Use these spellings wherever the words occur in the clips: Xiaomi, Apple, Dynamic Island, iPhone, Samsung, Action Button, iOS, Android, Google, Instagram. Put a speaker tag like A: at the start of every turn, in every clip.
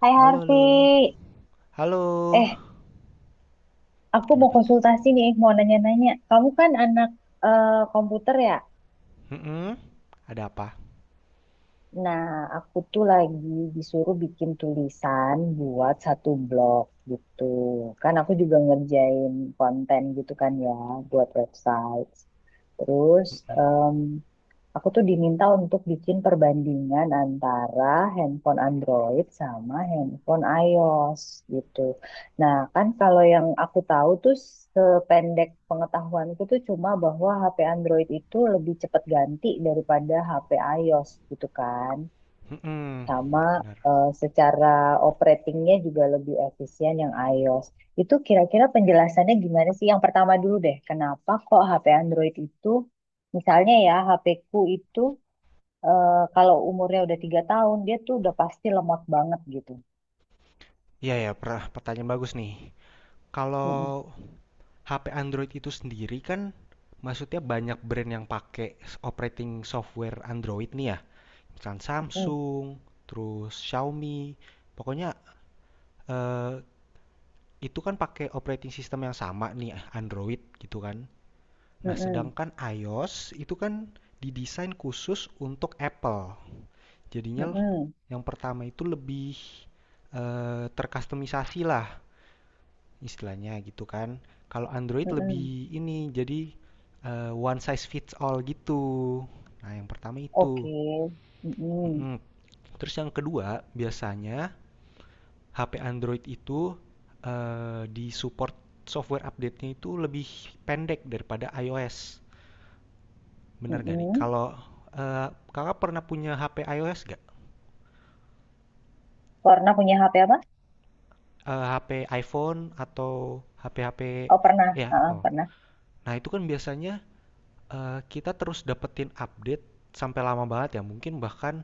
A: Hai
B: Halo, halo.
A: Harvey,
B: Halo.
A: eh aku mau
B: Kenapa tuh?
A: konsultasi nih, mau nanya-nanya. Kamu kan anak komputer ya?
B: Mm-mm. Ada apa?
A: Nah, aku tuh lagi disuruh bikin tulisan buat satu blog gitu. Kan aku juga ngerjain konten gitu kan ya, buat website. Terus
B: Mm-mm.
A: aku tuh diminta untuk bikin perbandingan antara handphone Android sama handphone iOS gitu. Nah, kan kalau yang aku tahu tuh sependek pengetahuanku tuh cuma bahwa HP Android itu lebih cepat ganti daripada HP iOS gitu kan.
B: Mm-mm.
A: Sama
B: Benar.
A: secara operatingnya juga lebih efisien yang iOS. Itu kira-kira penjelasannya gimana sih? Yang pertama dulu deh, kenapa kok HP Android itu misalnya ya, HP-ku itu kalau umurnya udah 3 tahun dia tuh udah pasti lemot banget gitu.
B: Iya, ya, pertanyaan bagus nih. Kalau
A: Mm-mm,
B: HP Android itu sendiri kan maksudnya banyak brand yang pakai operating software Android nih ya. Misalkan
A: mm-mm,
B: Samsung, terus Xiaomi. Pokoknya eh, itu kan pakai operating system yang sama nih Android gitu kan. Nah,
A: mm-mm,
B: sedangkan iOS itu kan didesain khusus untuk Apple. Jadinya
A: mm-mm,
B: yang pertama itu lebih terkustomisasi lah istilahnya gitu kan. Kalau Android lebih
A: mm-mm.
B: ini jadi one size fits all gitu. Nah, yang pertama itu.
A: Oke. Mm-mm,
B: Mm-mm. Terus yang kedua, biasanya HP Android itu di support software update-nya itu lebih pendek daripada iOS. Bener gak nih?
A: mm-mm.
B: Kalau eh, kakak pernah punya HP iOS gak?
A: Pernah punya HP apa?
B: HP iPhone atau HP-HP
A: Oh pernah,
B: ya
A: ah,
B: Apple.
A: pernah.
B: Nah, itu kan biasanya kita terus dapetin update sampai lama banget ya, mungkin bahkan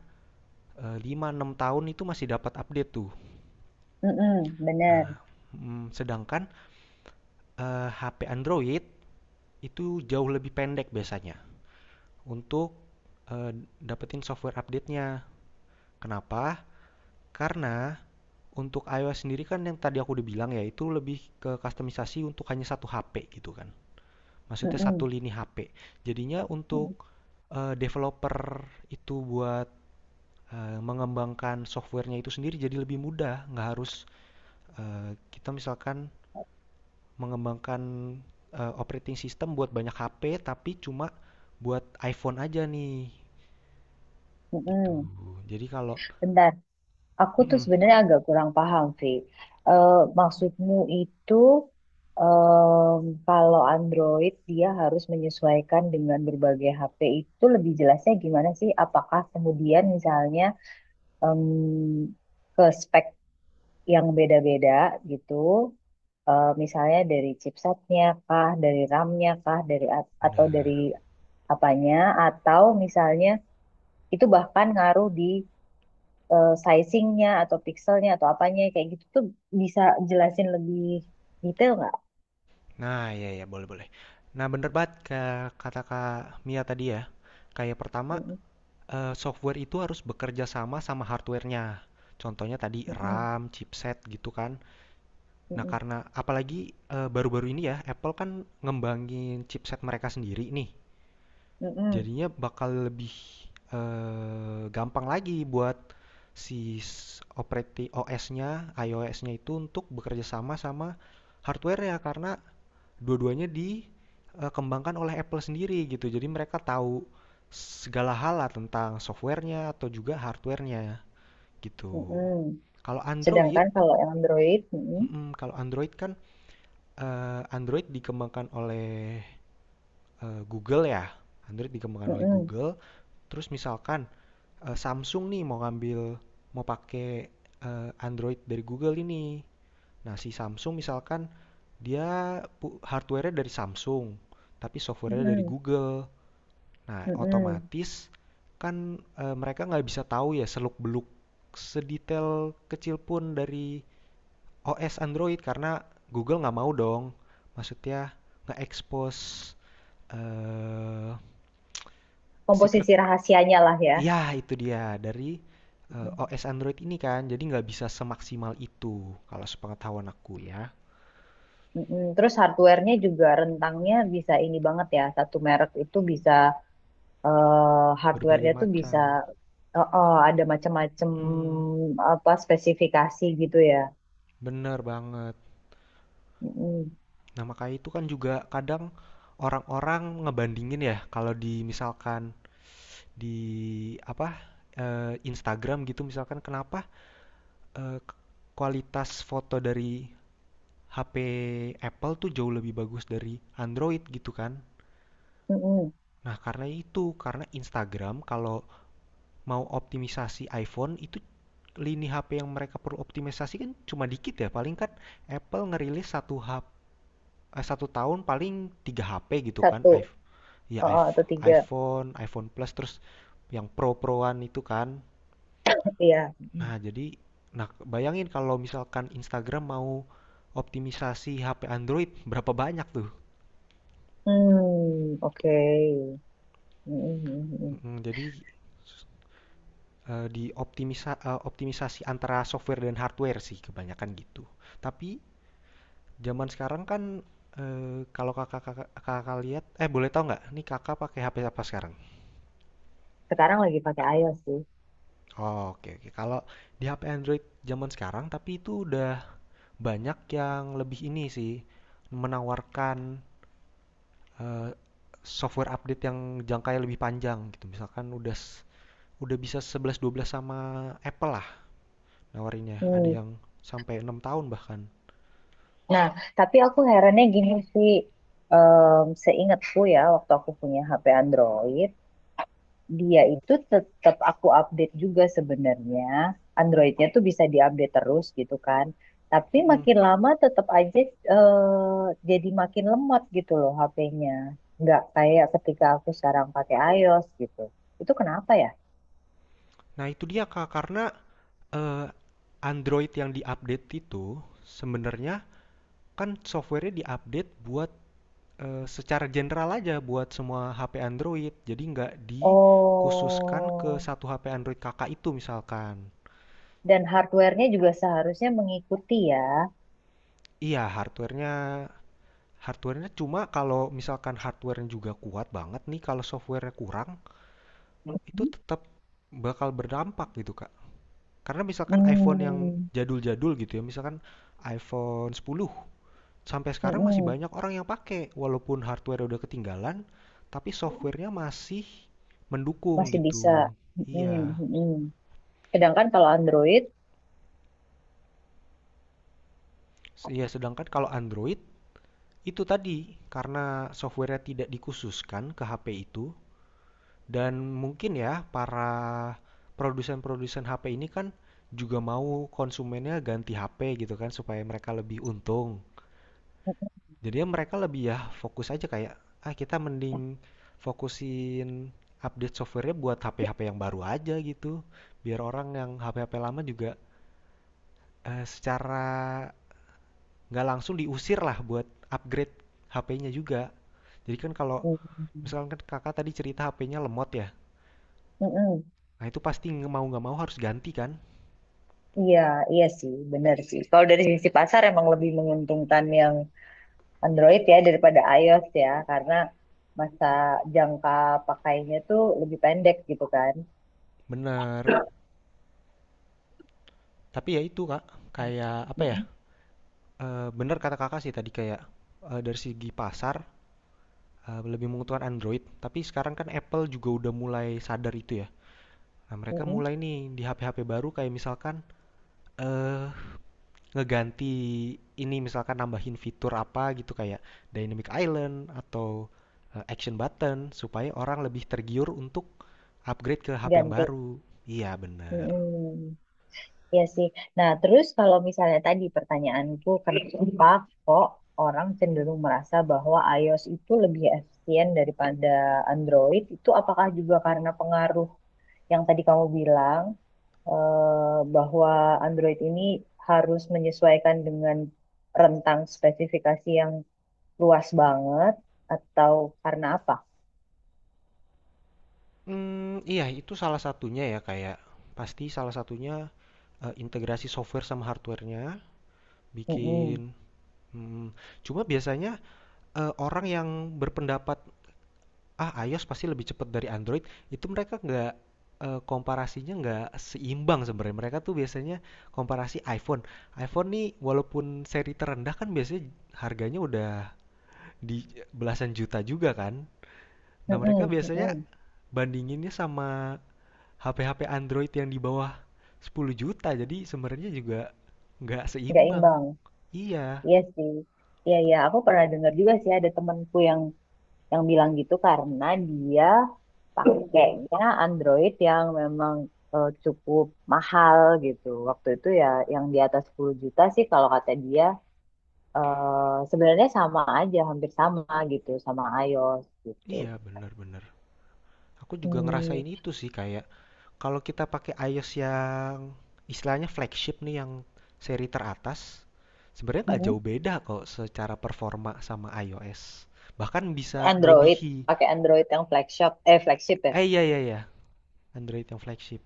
B: 5-6 tahun itu masih dapat update tuh.
A: Mm-mm, bener.
B: Nah, sedangkan HP Android itu jauh lebih pendek biasanya untuk eh, dapetin software update-nya. Kenapa? Karena untuk iOS sendiri kan yang tadi aku udah bilang ya, itu lebih ke customisasi untuk hanya satu HP gitu kan. Maksudnya satu
A: Mm-mm,
B: lini HP. Jadinya
A: mm-mm,
B: untuk developer itu buat mengembangkan softwarenya itu sendiri jadi lebih mudah. Nggak harus kita misalkan mengembangkan operating system buat banyak HP, tapi cuma buat iPhone aja nih. Gitu.
A: mm-mm.
B: Jadi kalau,
A: Bentar. Aku tuh
B: Mm-mm,
A: sebenarnya agak kurang paham, Vi. Eh, Maksudmu itu kalau Android dia harus menyesuaikan dengan berbagai HP itu lebih jelasnya gimana sih? Apakah kemudian misalnya em, ke spek yang beda-beda gitu, misalnya dari chipsetnya kah, dari RAM-nya kah, atau dari
B: bener.
A: apanya? Atau misalnya itu bahkan ngaruh di sizingnya atau pixelnya atau apanya kayak gitu tuh bisa jelasin lebih detail nggak?
B: Nah, ya ya boleh boleh. Nah, bener banget kata Kak Mia tadi ya. Kayak pertama,
A: Mm-mm,
B: Software itu harus bekerja sama sama hardware-nya. Contohnya tadi
A: mm-mm,
B: RAM, chipset gitu kan. Nah,
A: mm-mm,
B: karena apalagi, baru-baru ini ya Apple kan ngembangin chipset mereka sendiri nih.
A: mm-mm,
B: Jadinya bakal lebih, gampang lagi buat si operating operati OS-nya, iOS-nya itu untuk bekerja sama sama hardware-nya karena dua-duanya dikembangkan oleh Apple sendiri gitu. Jadi mereka tahu segala hal lah tentang softwarenya atau juga hardwarenya gitu.
A: mm-mm.
B: Kalau Android,
A: Sedangkan kalau yang Android, mm-mm,
B: kalau Android kan Android dikembangkan oleh Google ya. Android dikembangkan oleh
A: mm-mm,
B: Google. Terus misalkan Samsung nih mau pakai Android dari Google ini. Nah, si Samsung misalkan dia hardware-nya dari Samsung, tapi software-nya dari
A: mm-mm,
B: Google. Nah,
A: mm-mm.
B: otomatis kan mereka nggak bisa tahu ya seluk-beluk sedetail kecil pun dari OS Android karena Google nggak mau dong. Maksudnya nge-expose eh secret.
A: Komposisi rahasianya lah ya.
B: Ya, itu dia dari
A: Mm-mm,
B: OS Android ini kan. Jadi nggak bisa semaksimal itu kalau sepengetahuan aku ya.
A: mm-mm. Terus hardware-nya juga rentangnya bisa ini banget ya. Satu merek itu bisa hardware-nya
B: Berbagai
A: tuh bisa
B: macam.
A: ada macam-macam
B: Mm,
A: apa spesifikasi gitu ya.
B: bener banget.
A: Mm-mm,
B: Nah, makanya itu kan juga kadang orang-orang ngebandingin ya kalau di misalkan di apa Instagram gitu misalkan kenapa eh, kualitas foto dari HP Apple tuh jauh lebih bagus dari Android gitu kan.
A: mm-mm.
B: Nah, karena itu, karena Instagram kalau mau optimisasi iPhone itu lini HP yang mereka perlu optimisasi kan cuma dikit ya. Paling kan Apple ngerilis satu HP satu tahun paling tiga HP gitu kan.
A: Satu. Oh, oh, atau tiga.
B: iPhone, iPhone Plus terus yang Pro-Proan itu kan.
A: Iya.
B: Nah, jadi nah bayangin kalau misalkan Instagram mau optimisasi HP Android berapa banyak tuh.
A: Hmm, oke. Hmm, hmm, hmm, hmm.
B: Jadi optimisasi antara software dan hardware sih kebanyakan gitu. Tapi zaman sekarang kan kalau kakak-kakak kakak kakak lihat boleh tahu nggak nih kakak pakai HP apa sekarang?
A: Sekarang lagi pakai iOS sih.
B: Oh, oke oke. Kalau di HP Android zaman sekarang tapi itu udah banyak yang lebih ini sih menawarkan eh, software update yang jangkanya lebih panjang gitu. Misalkan udah bisa 11, 12 sama Apple lah nawarinnya. Ada
A: Hmm.
B: yang sampai 6 tahun bahkan.
A: Nah, tapi aku herannya gini sih. Em, seingatku ya, waktu aku punya HP Android, dia itu tetap aku update juga sebenarnya. Androidnya tuh bisa diupdate terus gitu kan. Tapi makin lama tetap aja eh, jadi makin lemot gitu loh HP-nya. Nggak kayak ketika aku sekarang pakai iOS gitu. Itu kenapa ya?
B: Nah, itu dia Kak karena eh, Android yang diupdate itu sebenarnya kan softwarenya diupdate buat secara general aja buat semua HP Android. Jadi nggak dikhususkan ke
A: Oh,
B: satu HP Android kakak itu misalkan.
A: dan hardware-nya juga seharusnya mengikuti ya.
B: Iya, hardware-nya cuma kalau misalkan hardware-nya juga kuat banget nih, kalau software-nya kurang, itu
A: Mhm.
B: tetap bakal berdampak gitu, Kak. Karena misalkan iPhone yang
A: Hmm,
B: jadul-jadul gitu ya, misalkan iPhone 10 sampai sekarang masih
A: mm-mm,
B: banyak orang yang pakai walaupun hardware udah ketinggalan, tapi software-nya masih mendukung
A: masih bisa.
B: gitu.
A: Mm-mm,
B: Iya.
A: mm-mm. Sedangkan kalau Android,
B: Iya, sedangkan kalau Android itu tadi karena software-nya tidak dikhususkan ke HP itu, dan mungkin ya para produsen-produsen HP ini kan juga mau konsumennya ganti HP gitu kan supaya mereka lebih untung. Jadi ya mereka lebih ya fokus aja kayak ah kita mending fokusin update softwarenya buat HP-HP yang baru aja gitu. Biar orang yang HP-HP lama juga secara nggak langsung diusir lah buat upgrade HP-nya juga. Jadi kan kalau
A: mm,
B: misalkan kan kakak tadi cerita HP-nya lemot ya.
A: mm-mm.
B: Nah, itu pasti mau nggak mau harus ganti kan?
A: Iya, iya sih, benar sih. Kalau dari sisi pasar emang lebih menguntungkan yang Android ya daripada iOS ya, karena masa jangka pakainya tuh lebih pendek gitu kan.
B: Bener. Tapi ya itu Kak, kayak apa ya?
A: Mm-mm,
B: Bener kata Kakak sih tadi kayak dari segi pasar lebih menguntungkan Android. Tapi sekarang kan Apple juga udah mulai sadar itu ya. Nah, mereka
A: mm-mm.
B: mulai nih di HP-HP baru kayak misalkan eh ngeganti ini misalkan nambahin fitur apa gitu kayak Dynamic Island atau Action Button supaya orang lebih tergiur untuk upgrade ke HP yang
A: Ganti.
B: baru. Iya, bener.
A: Mm-mm. Iya sih. Nah, terus kalau misalnya tadi pertanyaanku, kenapa kok orang cenderung merasa bahwa iOS itu lebih efisien daripada Android? Itu apakah juga karena pengaruh yang tadi kamu bilang bahwa Android ini harus menyesuaikan dengan rentang spesifikasi yang luas banget, atau karena apa?
B: Iya itu salah satunya ya, kayak pasti salah satunya, integrasi software sama hardware-nya, bikin
A: Mm-mm.
B: mhm, cuma biasanya, orang yang berpendapat, "Ah, iOS pasti lebih cepat dari Android," itu mereka nggak, komparasinya nggak seimbang sebenarnya. Mereka tuh biasanya komparasi iPhone. iPhone nih walaupun seri terendah kan biasanya harganya udah di belasan juta juga kan. Nah, mereka
A: Mm-mm.
B: biasanya
A: Mm-mm.
B: bandinginnya sama HP-HP Android yang di bawah 10 juta. Jadi sebenarnya juga nggak
A: Nggak
B: seimbang.
A: imbang.
B: Iya,
A: Iya sih. Iya, iya. Aku pernah dengar juga sih ada temanku yang bilang gitu karena dia pakainya Android yang memang cukup mahal gitu. Waktu itu ya yang di atas 10 juta sih kalau kata dia sebenarnya sama aja, hampir sama gitu sama iOS gitu.
B: iya bener-bener. Aku juga
A: Hmm,
B: ngerasain itu sih kayak kalau kita pakai iOS yang istilahnya flagship nih yang seri teratas, sebenarnya nggak
A: mm-mm.
B: jauh beda kok secara performa sama iOS. Bahkan bisa
A: Android,
B: melebihi.
A: pakai Android yang flagship, flagship ya.
B: Iya iya iya, Android yang flagship.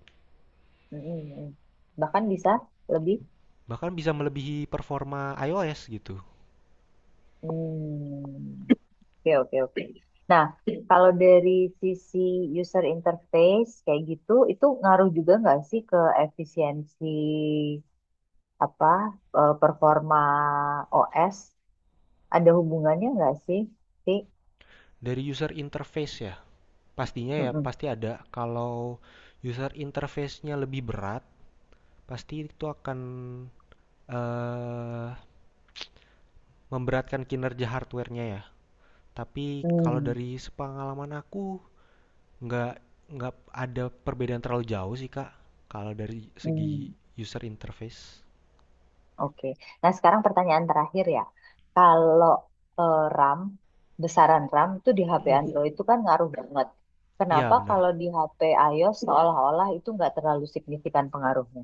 A: Hmm, mm-mm. Bahkan bisa lebih.
B: Bahkan bisa melebihi performa iOS gitu.
A: Hmm. Oke, oke, oke. Nah, kalau dari sisi user interface kayak gitu, itu ngaruh juga nggak sih ke efisiensi apa performa OS? Ada hubungannya nggak sih?
B: Dari user interface ya. Pastinya ya
A: Mm-mm.
B: pasti ada. Kalau user interface-nya lebih berat pasti itu akan eh, memberatkan kinerja hardware-nya ya, tapi kalau
A: Hmm,
B: dari sepengalaman aku nggak nggak ada perbedaan terlalu jauh sih kak kalau dari segi
A: hmm,
B: user interface.
A: oke. Nah, sekarang pertanyaan terakhir ya. Kalau RAM, besaran RAM itu di HP
B: Mm-mm.
A: Android itu kan ngaruh banget.
B: Iya,
A: Kenapa
B: benar.
A: kalau di HP iOS seolah-olah itu nggak terlalu signifikan pengaruhnya?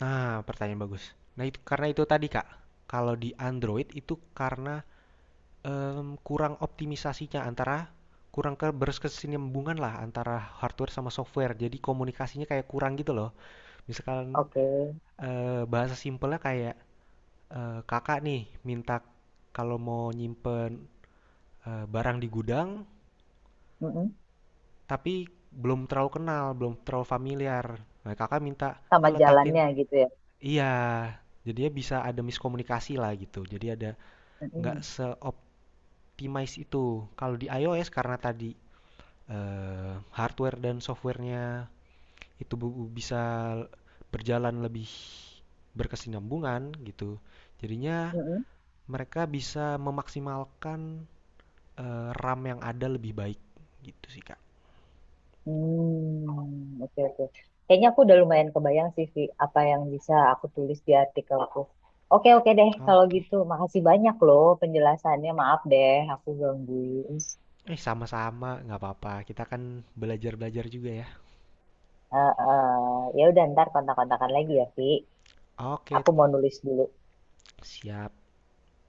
B: Nah, pertanyaan bagus. Nah, itu karena itu tadi kak, kalau di Android itu karena Mmm, kurang optimisasinya antara kurang ke lah antara hardware sama software. Jadi komunikasinya kayak kurang gitu loh. Misalkan,
A: Oke.
B: bahasa simpelnya kayak, Kakak nih minta kalau mau nyimpen, barang di gudang,
A: Mm-mm.
B: tapi belum terlalu kenal, belum terlalu familiar. Nah, Kakak minta,
A: Sama
B: "Eh, letakin,"
A: jalannya gitu ya.
B: iya, jadinya bisa ada miskomunikasi lah gitu. Jadi ada nggak
A: Mm-mm.
B: seoptimis itu. Kalau di iOS karena tadi hardware dan softwarenya itu bisa berjalan lebih berkesinambungan gitu. Jadinya
A: Mm-mm.
B: mereka bisa memaksimalkan RAM yang ada lebih baik gitu sih Kak.
A: Hmm, oke oke. Kayaknya aku udah lumayan kebayang sih Vi, apa yang bisa aku tulis di artikelku. Oke oke deh kalau
B: Oke.
A: gitu. Makasih banyak loh penjelasannya. Maaf deh aku gangguin.
B: Sama-sama, nggak apa-apa. Kita kan belajar-belajar juga ya.
A: Eh, eh, ya udah ntar kontak-kontakan lagi ya Vi.
B: Oke,
A: Aku mau nulis dulu.
B: siap.